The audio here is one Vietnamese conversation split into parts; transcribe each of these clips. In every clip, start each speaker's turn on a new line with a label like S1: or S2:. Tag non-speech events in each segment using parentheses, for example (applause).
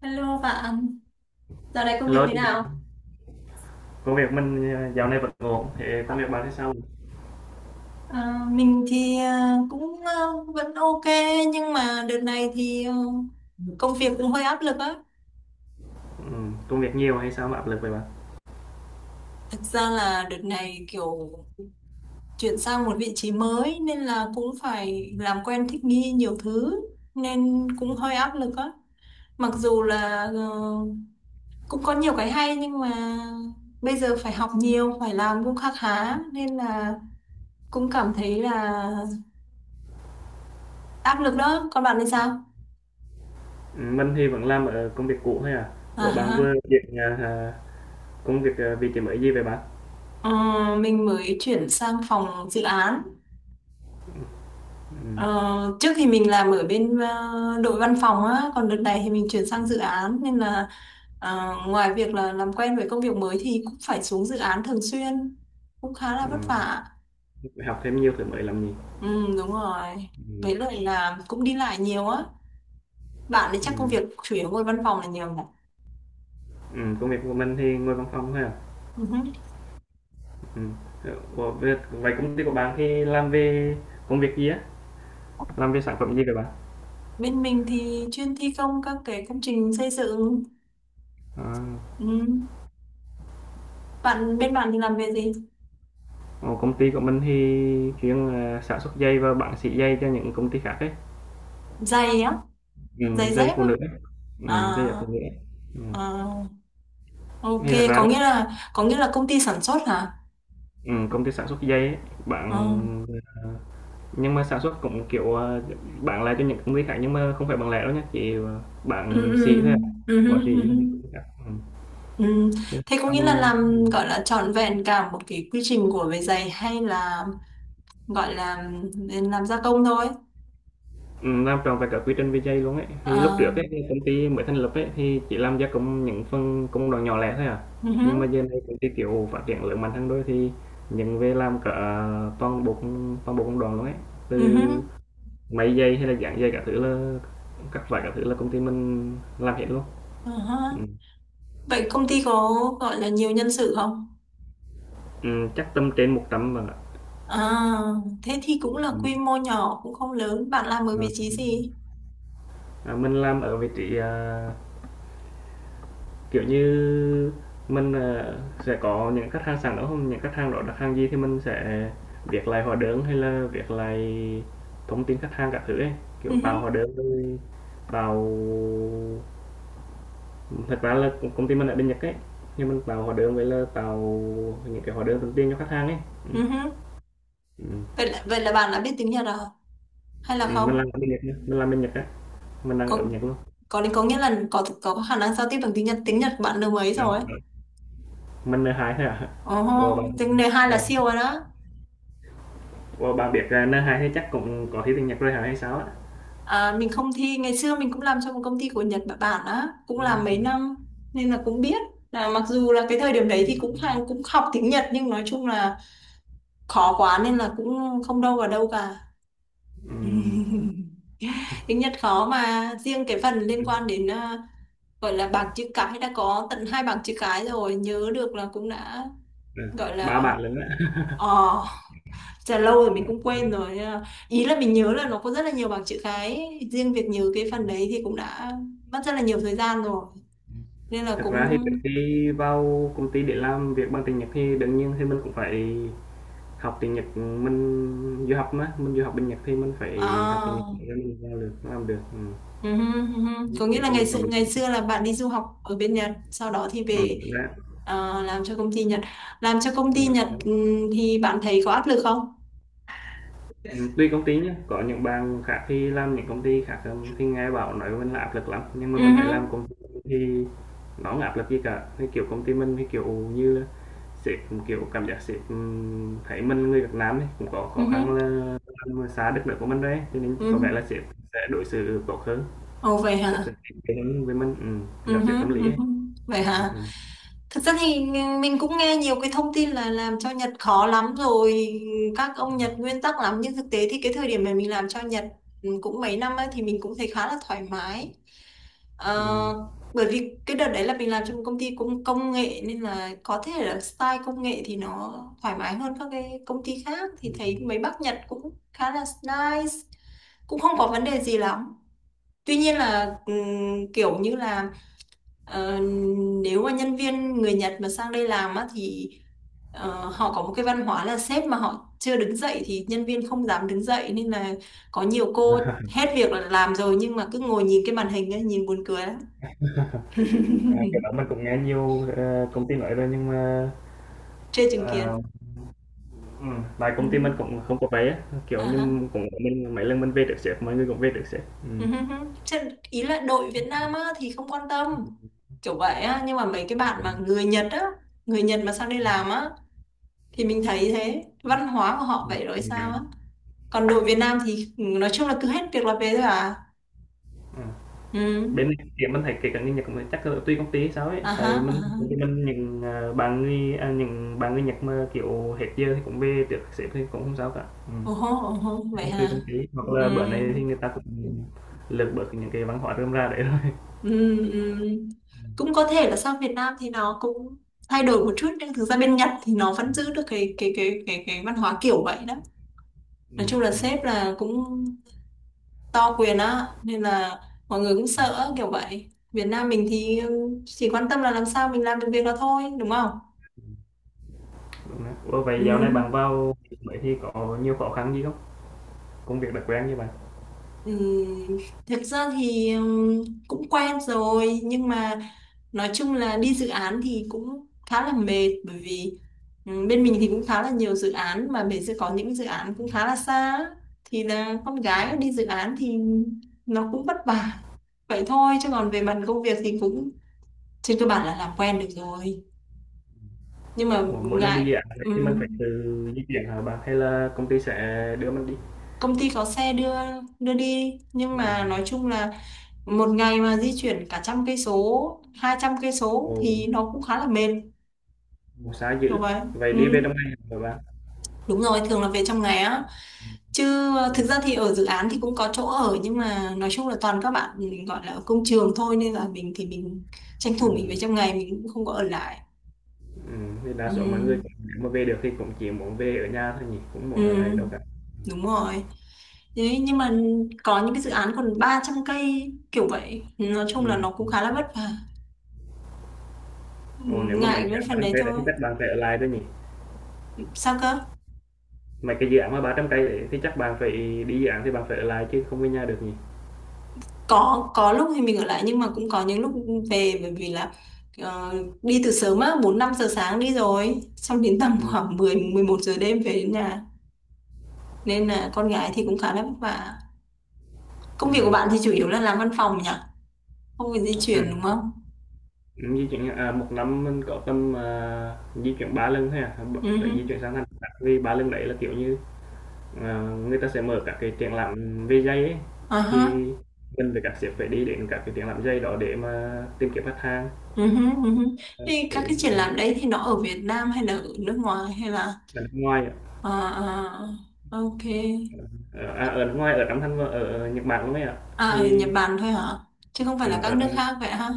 S1: Hello bạn, dạo này công việc
S2: Hello
S1: thế
S2: chị,
S1: nào?
S2: công việc mình dạo này vẫn ổn, thì công việc bạn thế sao?
S1: Mình thì cũng vẫn ok nhưng mà đợt này thì công việc cũng hơi áp lực á.
S2: Ừ, công việc nhiều hay sao mà áp lực vậy bạn?
S1: Thực ra là đợt này kiểu chuyển sang một vị trí mới nên là cũng phải làm quen thích nghi nhiều thứ nên cũng hơi áp lực á. Mặc dù là cũng có nhiều cái hay nhưng mà bây giờ phải học nhiều, phải làm cũng khá khá nên là cũng cảm thấy là áp lực đó. Còn bạn thì sao?
S2: Ừ, mình thì vẫn làm ở công việc cũ thôi à. Ủa, bạn
S1: À.
S2: vừa chuyển công việc vị trí mới gì vậy bạn?
S1: Ờ, mình mới chuyển sang phòng dự án.
S2: Ừ,
S1: Ờ, trước thì mình làm ở bên đội văn phòng á, còn đợt này thì mình chuyển sang dự án nên là ngoài việc là làm quen với công việc mới thì cũng phải xuống dự án thường xuyên, cũng khá là
S2: ừ,
S1: vất vả.
S2: Phải học thêm nhiều thứ mới làm gì?
S1: Ừ, đúng rồi.
S2: Ừ,
S1: Với lại là cũng đi lại nhiều á. Bạn thì
S2: ừ,
S1: chắc công việc chủ yếu ngồi văn phòng là nhiều nhỉ?
S2: ừ, công việc của mình thì ngồi văn phòng thôi à.
S1: Ừ hứ.
S2: Ừ. Ủa, vậy vậy công ty của bạn thì làm về công việc gì á? Làm về sản phẩm gì vậy bạn?
S1: Bên mình thì chuyên thi công các cái công trình xây dựng.
S2: À,
S1: Ừ. Bên bạn thì làm về gì?
S2: ồ, công ty của mình thì chuyên sản xuất giày và bán sỉ giày cho những công ty khác ấy.
S1: Giày á, giày
S2: Dây
S1: dép
S2: phụ
S1: á.
S2: nữ, ấy.
S1: À,
S2: Ừm, dây dải phụ nữ, ấy. Ừm,
S1: à, ok,
S2: thì thật ra
S1: có
S2: á,
S1: nghĩa là có nghĩa là công ty sản xuất hả?
S2: công ty sản xuất dây ấy,
S1: À,
S2: bạn. ờ nhưng mà sản xuất cũng, kiểu, bán lại cho những công ty khác nhưng mà không phải bằng lẻ đâu nhé, chỉ,
S1: ừ,
S2: bán
S1: ừ,
S2: sỉ thôi à,
S1: ừ,
S2: bỏ
S1: ừ,
S2: xỉ,
S1: ừ,
S2: cho những
S1: ừ.
S2: công ty khác.
S1: Ừ,
S2: Chứ
S1: thế có nghĩa là
S2: làm
S1: làm gọi là trọn vẹn cả một cái quy trình của về giày hay là gọi là làm gia công thôi?
S2: Ừm, làm trọn vẹn cả quy trình về dây luôn ấy. Thì lúc trước
S1: À,
S2: ấy, thì công ty mới thành lập ấy, thì chỉ làm gia công những phần công đoạn nhỏ lẻ thôi à,
S1: ừ,
S2: nhưng mà giờ này công ty, kiểu, phát triển lớn mạnh hơn đôi thì những về làm cả toàn bộ công đoạn luôn ấy,
S1: ừ,
S2: từ máy dây hay là dán dây cả thứ là các loại cả thứ là công ty mình làm hết luôn.
S1: ừ, ừ.
S2: Ừm,
S1: Vậy công ty có gọi là nhiều nhân sự không?
S2: Chắc tầm trên 100 bạn ạ.
S1: À, thế thì cũng
S2: Ừm,
S1: là
S2: ừm,
S1: quy mô nhỏ cũng không lớn. Bạn làm ở
S2: ờ.
S1: vị trí gì?
S2: À, mình làm ở vị trí, à, kiểu như, mình, sẽ có những khách hàng sẵn đó, không những khách hàng đó đặt hàng gì thì mình sẽ viết lại hóa đơn hay là viết lại thông tin khách hàng cả thứ ấy,
S1: Ừ,
S2: kiểu tạo hóa
S1: ừ,
S2: đơn rồi tạo thật ra là công ty mình ở bên Nhật ấy, nhưng mình tạo hóa đơn với là tạo những cái hóa đơn thông tin cho khách hàng ấy.
S1: ừ,
S2: Ừm.
S1: ừ.
S2: Ừm,
S1: Vậy là bạn đã biết tiếng Nhật à? Hay là không?
S2: mình làm bên Nhật nha, mình làm bên Nhật á, mình đang ở
S1: Có
S2: Nhật luôn.
S1: có đến có nghĩa là có khả năng giao tiếp bằng tiếng Nhật, của bạn lớp mấy
S2: Ờ,
S1: rồi?
S2: ờ, mình n hai thôi à?
S1: Ồ,
S2: Ủa, bạn
S1: tiếng này hai là
S2: Ồ,
S1: siêu rồi đó.
S2: ủa, bạn biết, à, n thì chắc cũng có thi tiếng Nhật rồi hả hay sao á?
S1: À, mình không thi, ngày xưa mình cũng làm cho một công ty của Nhật Bản Bản á, cũng làm mấy
S2: Ừm.
S1: năm nên là cũng biết, là mặc dù là cái thời điểm đấy thì cũng
S2: Ừm,
S1: hàng cũng học tiếng Nhật nhưng nói chung là khó quá nên là cũng không đâu vào đâu cả. (laughs)
S2: ừm,
S1: Tiếng Nhật khó, mà riêng cái phần liên quan đến gọi là bảng chữ cái đã có tận hai bảng chữ cái rồi, nhớ được là cũng đã
S2: ừ,
S1: gọi
S2: 3
S1: là
S2: bạn lớn á.
S1: ờ Chà, lâu rồi mình cũng quên rồi nhưng mà ý là mình nhớ là nó có rất là nhiều bảng chữ cái, riêng việc nhớ cái phần đấy thì cũng đã mất rất là nhiều thời gian rồi nên là
S2: Thật ra
S1: cũng
S2: thì trước khi vào công ty để làm việc bằng tiếng Nhật thì đương nhiên thì mình cũng phải học tiếng Nhật, mình du học mà, mình du học bên Nhật thì mình phải học tiếng Nhật
S1: à.
S2: để mình vào được, làm được.
S1: Ừ, ừ, ừ, có nghĩa
S2: Để
S1: là
S2: công
S1: ngày
S2: được
S1: xưa
S2: làm
S1: ngày
S2: việc.
S1: xưa là bạn đi du học ở bên Nhật sau đó thì về,
S2: Đúng đó á.
S1: à, làm cho công ty Nhật làm cho công ty Nhật Ừ, thì bạn thấy có áp lực không?
S2: Tuy công ty nhá, có những bạn khác thì làm những công ty khác, thì nghe bảo nói mình là áp lực lắm, nhưng mà
S1: Ừ,
S2: mình thấy làm công ty thì nó không áp lực gì cả. Thì, kiểu, công ty mình thì, kiểu như là, sếp, kiểu, cảm giác sếp, thấy mình người Việt Nam ấy, cũng có
S1: ừ,
S2: khó
S1: ừ,
S2: khăn là làm xa đất nước của mình rồi cho nên có
S1: ừ.
S2: vẻ là sếp sẽ đối xử tốt hơn,
S1: Ồ vậy
S2: sếp sẽ
S1: hả.
S2: kính kể với mình,
S1: Ừ
S2: gặp
S1: hứ,
S2: sếp tâm lý
S1: ừ
S2: ấy.
S1: hứ. Vậy hả?
S2: Ừm,
S1: Thực ra thì mình cũng nghe nhiều cái thông tin là làm cho Nhật khó lắm rồi, các ông Nhật nguyên tắc lắm, nhưng thực tế thì cái thời điểm mà mình làm cho Nhật, ừ, cũng mấy năm ấy, thì mình cũng thấy khá là thoải mái. Ờ,
S2: ừm,
S1: bởi vì cái đợt đấy là mình làm trong một công ty cũng công nghệ nên là có thể là style công nghệ thì nó thoải mái hơn các cái công ty khác, thì thấy
S2: ừm.
S1: mấy bác Nhật cũng khá là nice, cũng không có vấn đề gì lắm. Tuy nhiên là kiểu như là ờ, nếu mà nhân viên người Nhật mà sang đây làm á thì họ có một cái văn hóa là sếp mà họ chưa đứng dậy thì nhân viên không dám đứng dậy, nên là có nhiều cô
S2: (laughs)
S1: hết việc là làm rồi nhưng mà cứ ngồi nhìn cái màn hình ấy, nhìn buồn cười lắm.
S2: À, cái đó
S1: (laughs)
S2: mình cũng nghe nhiều, công ty nói rồi nhưng mà,
S1: Chưa chứng kiến.
S2: ờ ừm, tại công ty mình cũng
S1: (laughs)
S2: không có vé á, kiểu
S1: À hả?
S2: như, cũng mình mấy lần mình về được sếp, mọi người cũng về được sếp.
S1: Ừ hứ hứ. Chứ ý là đội Việt Nam á thì không quan tâm
S2: Ừm,
S1: kiểu vậy á, nhưng mà mấy cái bạn mà người Nhật á, người Nhật mà sang đây làm á thì mình thấy thế, văn hóa của họ vậy rồi sao á,
S2: ừm.
S1: còn đồ Việt Nam thì ừ, nói chung là cứ hết việc là về thôi à.
S2: Ừm, bên
S1: Ừ.
S2: này thì mình thấy kể cả người Nhật cũng chắc là tùy công ty hay sao ấy,
S1: À ha,
S2: tại
S1: à
S2: mình
S1: ha.
S2: công ty mình những, à, những bạn người Nhật mà, kiểu, hết giờ thì cũng về được sếp thì cũng không sao cả. Ừm.
S1: Ồ hô, ồ hô
S2: Chắc
S1: vậy
S2: là tùy
S1: hả.
S2: công ty, hoặc là bữa nay
S1: Ừ.
S2: thì người ta cũng lược bớt những cái văn hóa rơm ra đấy rồi.
S1: Ừ. Ừ. Cũng
S2: Ừm.
S1: có thể là sang Việt Nam thì nó cũng thay đổi một chút nhưng thực ra bên Nhật thì nó vẫn giữ được cái văn hóa kiểu vậy đó, nói
S2: Ừm,
S1: chung là sếp là cũng to quyền á nên là mọi người cũng sợ á, kiểu vậy. Việt Nam mình thì ừ, chỉ quan tâm là làm sao mình làm được việc đó thôi đúng không?
S2: Đúng đấy. Ủa, vậy
S1: Ừ.
S2: dạo này bạn vào mấy thì có nhiều khó khăn gì không? Công việc đặc quen như bạn?
S1: Ừ, thực ra thì cũng quen rồi nhưng mà nói chung là đi dự án thì cũng khá là mệt bởi vì bên mình thì cũng khá là nhiều dự án mà mình sẽ có những dự án cũng khá là xa á, thì là con gái đi dự án thì nó cũng vất vả vậy thôi, chứ còn về mặt công việc thì cũng trên cơ bản là làm quen được rồi, nhưng mà
S2: Ủa, mỗi lần đi dự
S1: ngại.
S2: án vậy thì mình
S1: ừm,
S2: phải tự di chuyển hả bạn hay là công ty sẽ đưa mình đi?
S1: công ty có xe đưa đưa đi nhưng
S2: À,
S1: mà nói chung là một ngày mà di chuyển cả 100 cây số, 200 cây số
S2: ồ,
S1: thì nó cũng khá là mệt
S2: ồ, xa dữ.
S1: kiểu vậy.
S2: Vậy
S1: Ừ.
S2: đi về trong ngày hả bạn?
S1: Đúng rồi, thường là về trong ngày á, chứ ờ,
S2: Ừ,
S1: thực ra thì ở dự án thì cũng có chỗ ở nhưng mà nói chung là toàn các bạn gọi là ở công trường thôi nên là mình thì mình tranh thủ mình về
S2: ừ,
S1: trong ngày, mình cũng không có ở lại.
S2: ừ. Thì đa
S1: Ừ.
S2: số mọi người cũng- nếu mà về được thì cũng chỉ muốn về ở nhà thôi nhỉ, cũng
S1: Ừ.
S2: muốn ở lại đâu cả.
S1: Đúng rồi. Đấy, nhưng mà có những cái dự án còn 300 cây kiểu vậy, nói chung
S2: Ừ.
S1: là nó cũng khá là vất vả. Ừ,
S2: Ồ, nếu mà mấy
S1: ngại
S2: dự
S1: cái
S2: án ba
S1: phần
S2: trăm
S1: đấy
S2: cây đấy
S1: thôi.
S2: thì chắc bạn phải ở lại thôi nhỉ.
S1: Sao cơ?
S2: Mấy cái dự án mà 300 cây đấy thì chắc bạn phải đi dự án thì bạn phải ở lại chứ không về nhà được nhỉ.
S1: Có lúc thì mình ở lại nhưng mà cũng có những lúc về bởi vì là ờ, đi từ sớm á, 4, 5 giờ sáng đi rồi xong đến tầm (laughs)
S2: Ừ.
S1: khoảng 10, 11 giờ đêm về đến nhà, nên là con gái thì cũng khá là vất vả.
S2: Ừ.
S1: Công việc của bạn thì chủ yếu là làm văn phòng nhỉ, không phải di
S2: Ừ.
S1: chuyển đúng không?
S2: Di chuyển, à, một năm mình có tầm, à, di chuyển 3 lần thôi à, b
S1: Ừ
S2: phải
S1: hứ.
S2: di chuyển sang thành khác vì 3 lần đấy là, kiểu như, ờ, người ta sẽ mở các cái triển lãm về giày ấy,
S1: À
S2: thì
S1: ha.
S2: mình với các sếp phải đi đến các cái triển lãm giày đó để mà tìm kiếm khách hàng,
S1: Ừ hứ, ừ hứ.
S2: ờ,
S1: Thì
S2: phải
S1: các cái triển
S2: ừm,
S1: lãm đấy thì nó ở Việt Nam hay là ở nước ngoài hay là...
S2: ở nước ngoài ạ,
S1: À, à, ok.
S2: ở nước ngoài, ở trong thanh ở ở Nhật Bản luôn ấy ạ.
S1: À, ở
S2: Thì,
S1: Nhật Bản thôi hả? Chứ không phải
S2: ờ,
S1: là các
S2: ở
S1: nước
S2: đây
S1: khác vậy ha.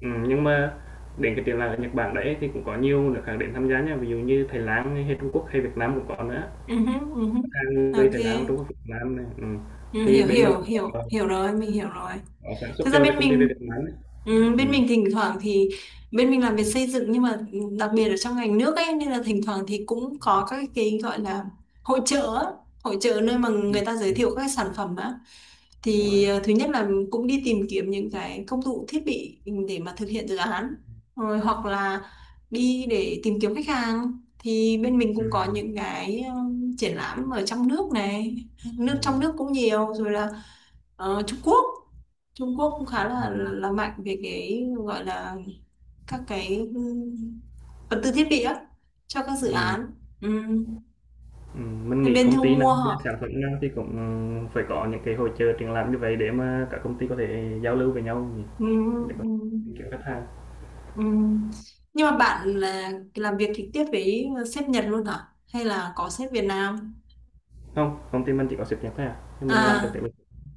S2: Ừm, nhưng mà đến cái triển lãm ở Nhật Bản đấy thì cũng có nhiều nước khác đến tham gia nha, ví dụ như Thái Lan hay Trung Quốc hay Việt Nam cũng có nữa.
S1: Ừ hứ, ừ hứ.
S2: À, người
S1: Ok.
S2: Thái Lan, Trung Quốc, Việt Nam này
S1: Ừ,
S2: thì
S1: hiểu
S2: bên mình
S1: hiểu
S2: cũng
S1: hiểu hiểu rồi, mình hiểu rồi.
S2: có sản xuất
S1: Thực ra
S2: cho cái
S1: bên
S2: công ty về Việt
S1: mình
S2: Nam ấy.
S1: ừ, bên
S2: Ừm,
S1: mình thỉnh thoảng thì bên mình làm việc xây dựng nhưng mà đặc biệt ở trong ngành nước ấy nên là thỉnh thoảng thì cũng có các cái gọi là hội chợ á, hội chợ nơi mà
S2: ừm,
S1: người ta giới thiệu
S2: ừm,
S1: các sản phẩm á,
S2: Đúng rồi
S1: thì
S2: á.
S1: ờ, thứ nhất là cũng đi tìm kiếm những cái công cụ thiết bị để mà thực hiện dự án, rồi hoặc là đi để tìm kiếm khách hàng, thì bên mình cũng có
S2: Ừm,
S1: những cái triển lãm ở trong nước này, trong
S2: ừm,
S1: nước cũng nhiều rồi là ờ, Trung Quốc Trung Quốc cũng khá là mạnh về cái gọi là các cái vật tư thiết bị á cho các dự
S2: ừm,
S1: án. Ừm,
S2: mình
S1: nên
S2: nghĩ
S1: bên
S2: công
S1: thu
S2: ty nào,
S1: mua
S2: về
S1: họ
S2: sản phẩm nào thì cũng phải có những cái hội chợ triển lãm như vậy để mà các công ty có thể giao lưu với nhau nhỉ,
S1: ừm,
S2: để có
S1: ừm,
S2: thể kiếm khách hàng.
S1: ừm. Nhưng mà bạn là làm việc trực tiếp với sếp Nhật luôn hả hay là có sếp Việt Nam?
S2: Không, công ty mình chỉ có sáp nhập thôi à, nhưng mình làm trực
S1: À,
S2: tiếp.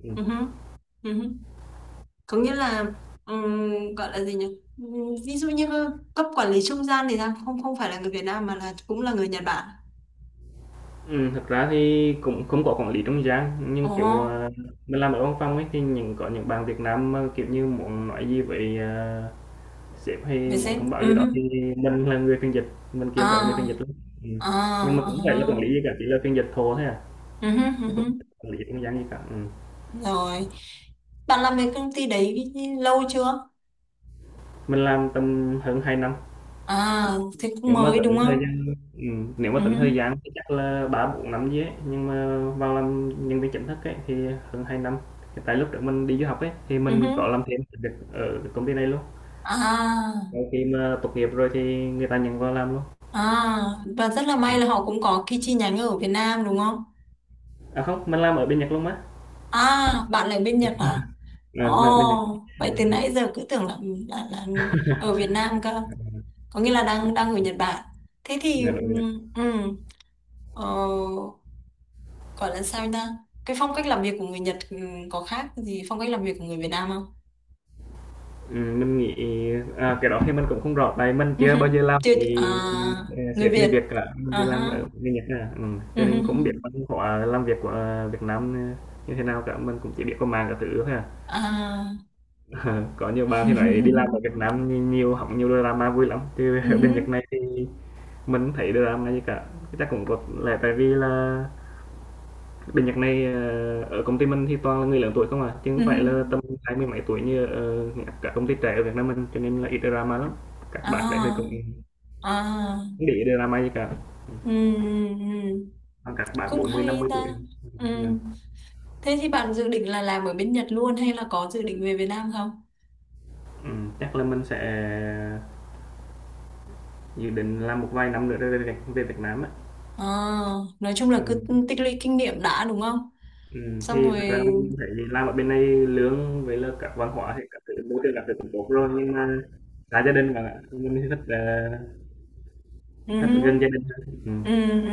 S2: Ừm.
S1: ừ hứ, ừ hứ. Có nghĩa là ừm, gọi là gì nhỉ, Ừm, ví dụ như cấp quản lý trung gian thì sao, không, không phải là người Việt Nam mà là cũng là người Nhật Bản.
S2: Thật ra thì cũng không có quản lý trung gian,
S1: Ồ.
S2: nhưng, kiểu, à, mình làm ở văn phòng ấy, thì những bạn Việt Nam mà, kiểu như, muốn nói gì với, à, sếp hay
S1: Về
S2: muốn
S1: sếp
S2: thông báo
S1: ừ
S2: gì đó
S1: hứ.
S2: thì mình là người phiên dịch, mình kiếm được người phiên
S1: À.
S2: dịch lắm. Ừm,
S1: À,
S2: nhưng mà cũng phải là quản lý
S1: à.
S2: gì cả, chỉ là phiên dịch thô thôi à,
S1: Ừ hứ,
S2: chứ
S1: ừ hứ.
S2: cũng không quản lý trung gian gì cả.
S1: Rồi, bạn làm về công ty đấy lâu chưa?
S2: Mình làm tầm hơn 2 năm.
S1: À, thì cũng
S2: Nếu mà
S1: mới đúng
S2: tính thời
S1: không?
S2: gian
S1: Ừ hứ,
S2: thì chắc là 3-4 năm gì ấy, nhưng mà vào làm nhân viên chính thức ấy thì hơn 2 năm. Thì tại lúc đó mình đi du học ấy thì
S1: ừ
S2: mình
S1: hứ.
S2: có làm thêm việc ở công ty này luôn.
S1: À.
S2: Sau khi mà tốt nghiệp rồi thì người ta nhận vào làm luôn.
S1: À, và rất là may
S2: Ừm.
S1: là họ cũng có cái chi nhánh ở Việt Nam đúng không?
S2: À không, mình làm ở bên Nhật luôn mà.
S1: À, bạn ở bên Nhật hả?
S2: (laughs) À, mình ở bên Nhật.
S1: Ồ, vậy
S2: Ừ,
S1: từ
S2: ừ.
S1: nãy giờ cứ tưởng là là ở Việt Nam cơ, có nghĩa là đang đang ở Nhật Bản, thế thì
S2: Dạ,
S1: ừ,
S2: đúng rồi.
S1: ừ, ờ, gọi là sao ta, cái phong cách làm việc của người Nhật ừ, có khác gì phong cách làm việc của người Việt Nam không?
S2: Mình nghĩ, à, cái đó thì mình cũng không rõ tại mình chưa bao giờ
S1: (laughs)
S2: làm
S1: Chưa,
S2: với,
S1: người
S2: sếp người
S1: Việt.
S2: Việt cả, mình chỉ
S1: À
S2: làm ở
S1: ha.
S2: người Nhật thôi à. Ừ,
S1: Ừ
S2: cho
S1: hứ.
S2: nên cũng biết văn hóa làm việc của, Việt Nam, như thế nào cả, mình cũng chỉ biết qua mạng cả thứ thôi à.
S1: À.
S2: (laughs) Có nhiều bạn thì nói đi làm ở
S1: (laughs)
S2: Việt Nam nhìn nhiều hóng nhiều drama vui lắm, chứ
S1: Ừ
S2: (laughs) ở
S1: hứ.
S2: bên Nhật này thì mình không thấy drama gì cả, chắc cũng có lẽ tại vì là bên Nhật này ở công ty mình thì toàn là người lớn tuổi không à, chứ không
S1: Ừ hứ.
S2: phải là tầm hai mươi mấy tuổi như ở các công ty trẻ ở Việt Nam mình cho nên là ít drama lắm. Các bạn đấy thì cũng
S1: À. À.
S2: không để ý drama gì cả.
S1: Ừ, ừ, ừ.
S2: Còn các bạn
S1: Cũng
S2: 40 mươi năm
S1: hay
S2: mươi tuổi.
S1: ta. Ừ.
S2: Ừ,
S1: Thế thì bạn dự định là làm ở bên Nhật luôn hay là có dự định về Việt Nam không?
S2: ừ, Chắc là mình sẽ dự định làm một vài năm nữa rồi về, về Việt Nam á.
S1: À, nói chung là
S2: Ừ.
S1: cứ tích lũy kinh nghiệm đã đúng không,
S2: Ừ. Thì
S1: xong rồi.
S2: thật ra mình thấy làm ở bên này lương với là các văn hóa thì các thứ môi trường các thứ cũng tốt rồi nhưng mà xa gia đình mà mình thì thích
S1: Ừ.
S2: thích ở gần gia đình hơn.
S1: Ừ,
S2: Ừ.
S1: ừ.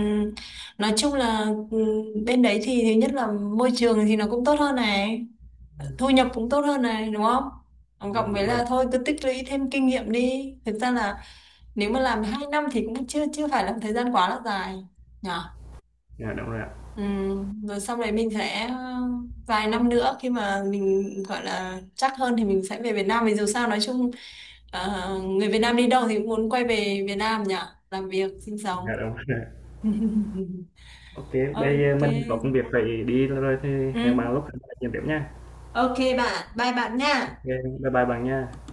S1: Nói chung là ừ, bên đấy thì thứ nhất là môi trường thì nó cũng tốt hơn này, thu nhập cũng tốt hơn này đúng không? Cộng
S2: Đúng
S1: với
S2: rồi.
S1: là thôi cứ tích lũy thêm kinh nghiệm đi. Thực ra là nếu mà làm 2 năm thì cũng chưa chưa phải là một thời gian quá là dài. Nhỉ?
S2: Dạ, đúng rồi ạ.
S1: Ừ, rồi sau đấy mình sẽ vài năm nữa khi mà mình gọi là chắc hơn thì mình sẽ về Việt Nam vì dù sao nói chung người Việt Nam đi đâu thì cũng muốn quay về Việt Nam nhỉ, làm việc sinh sống.
S2: Dạ đúng rồi.
S1: (laughs)
S2: OK, bây giờ
S1: Ok.
S2: mình có công việc phải đi rồi thì hẹn
S1: Ừ,
S2: bạn lúc khác nói chuyện tiếp nha.
S1: ok bạn, bye bạn nha.
S2: OK, bye bye bạn nha.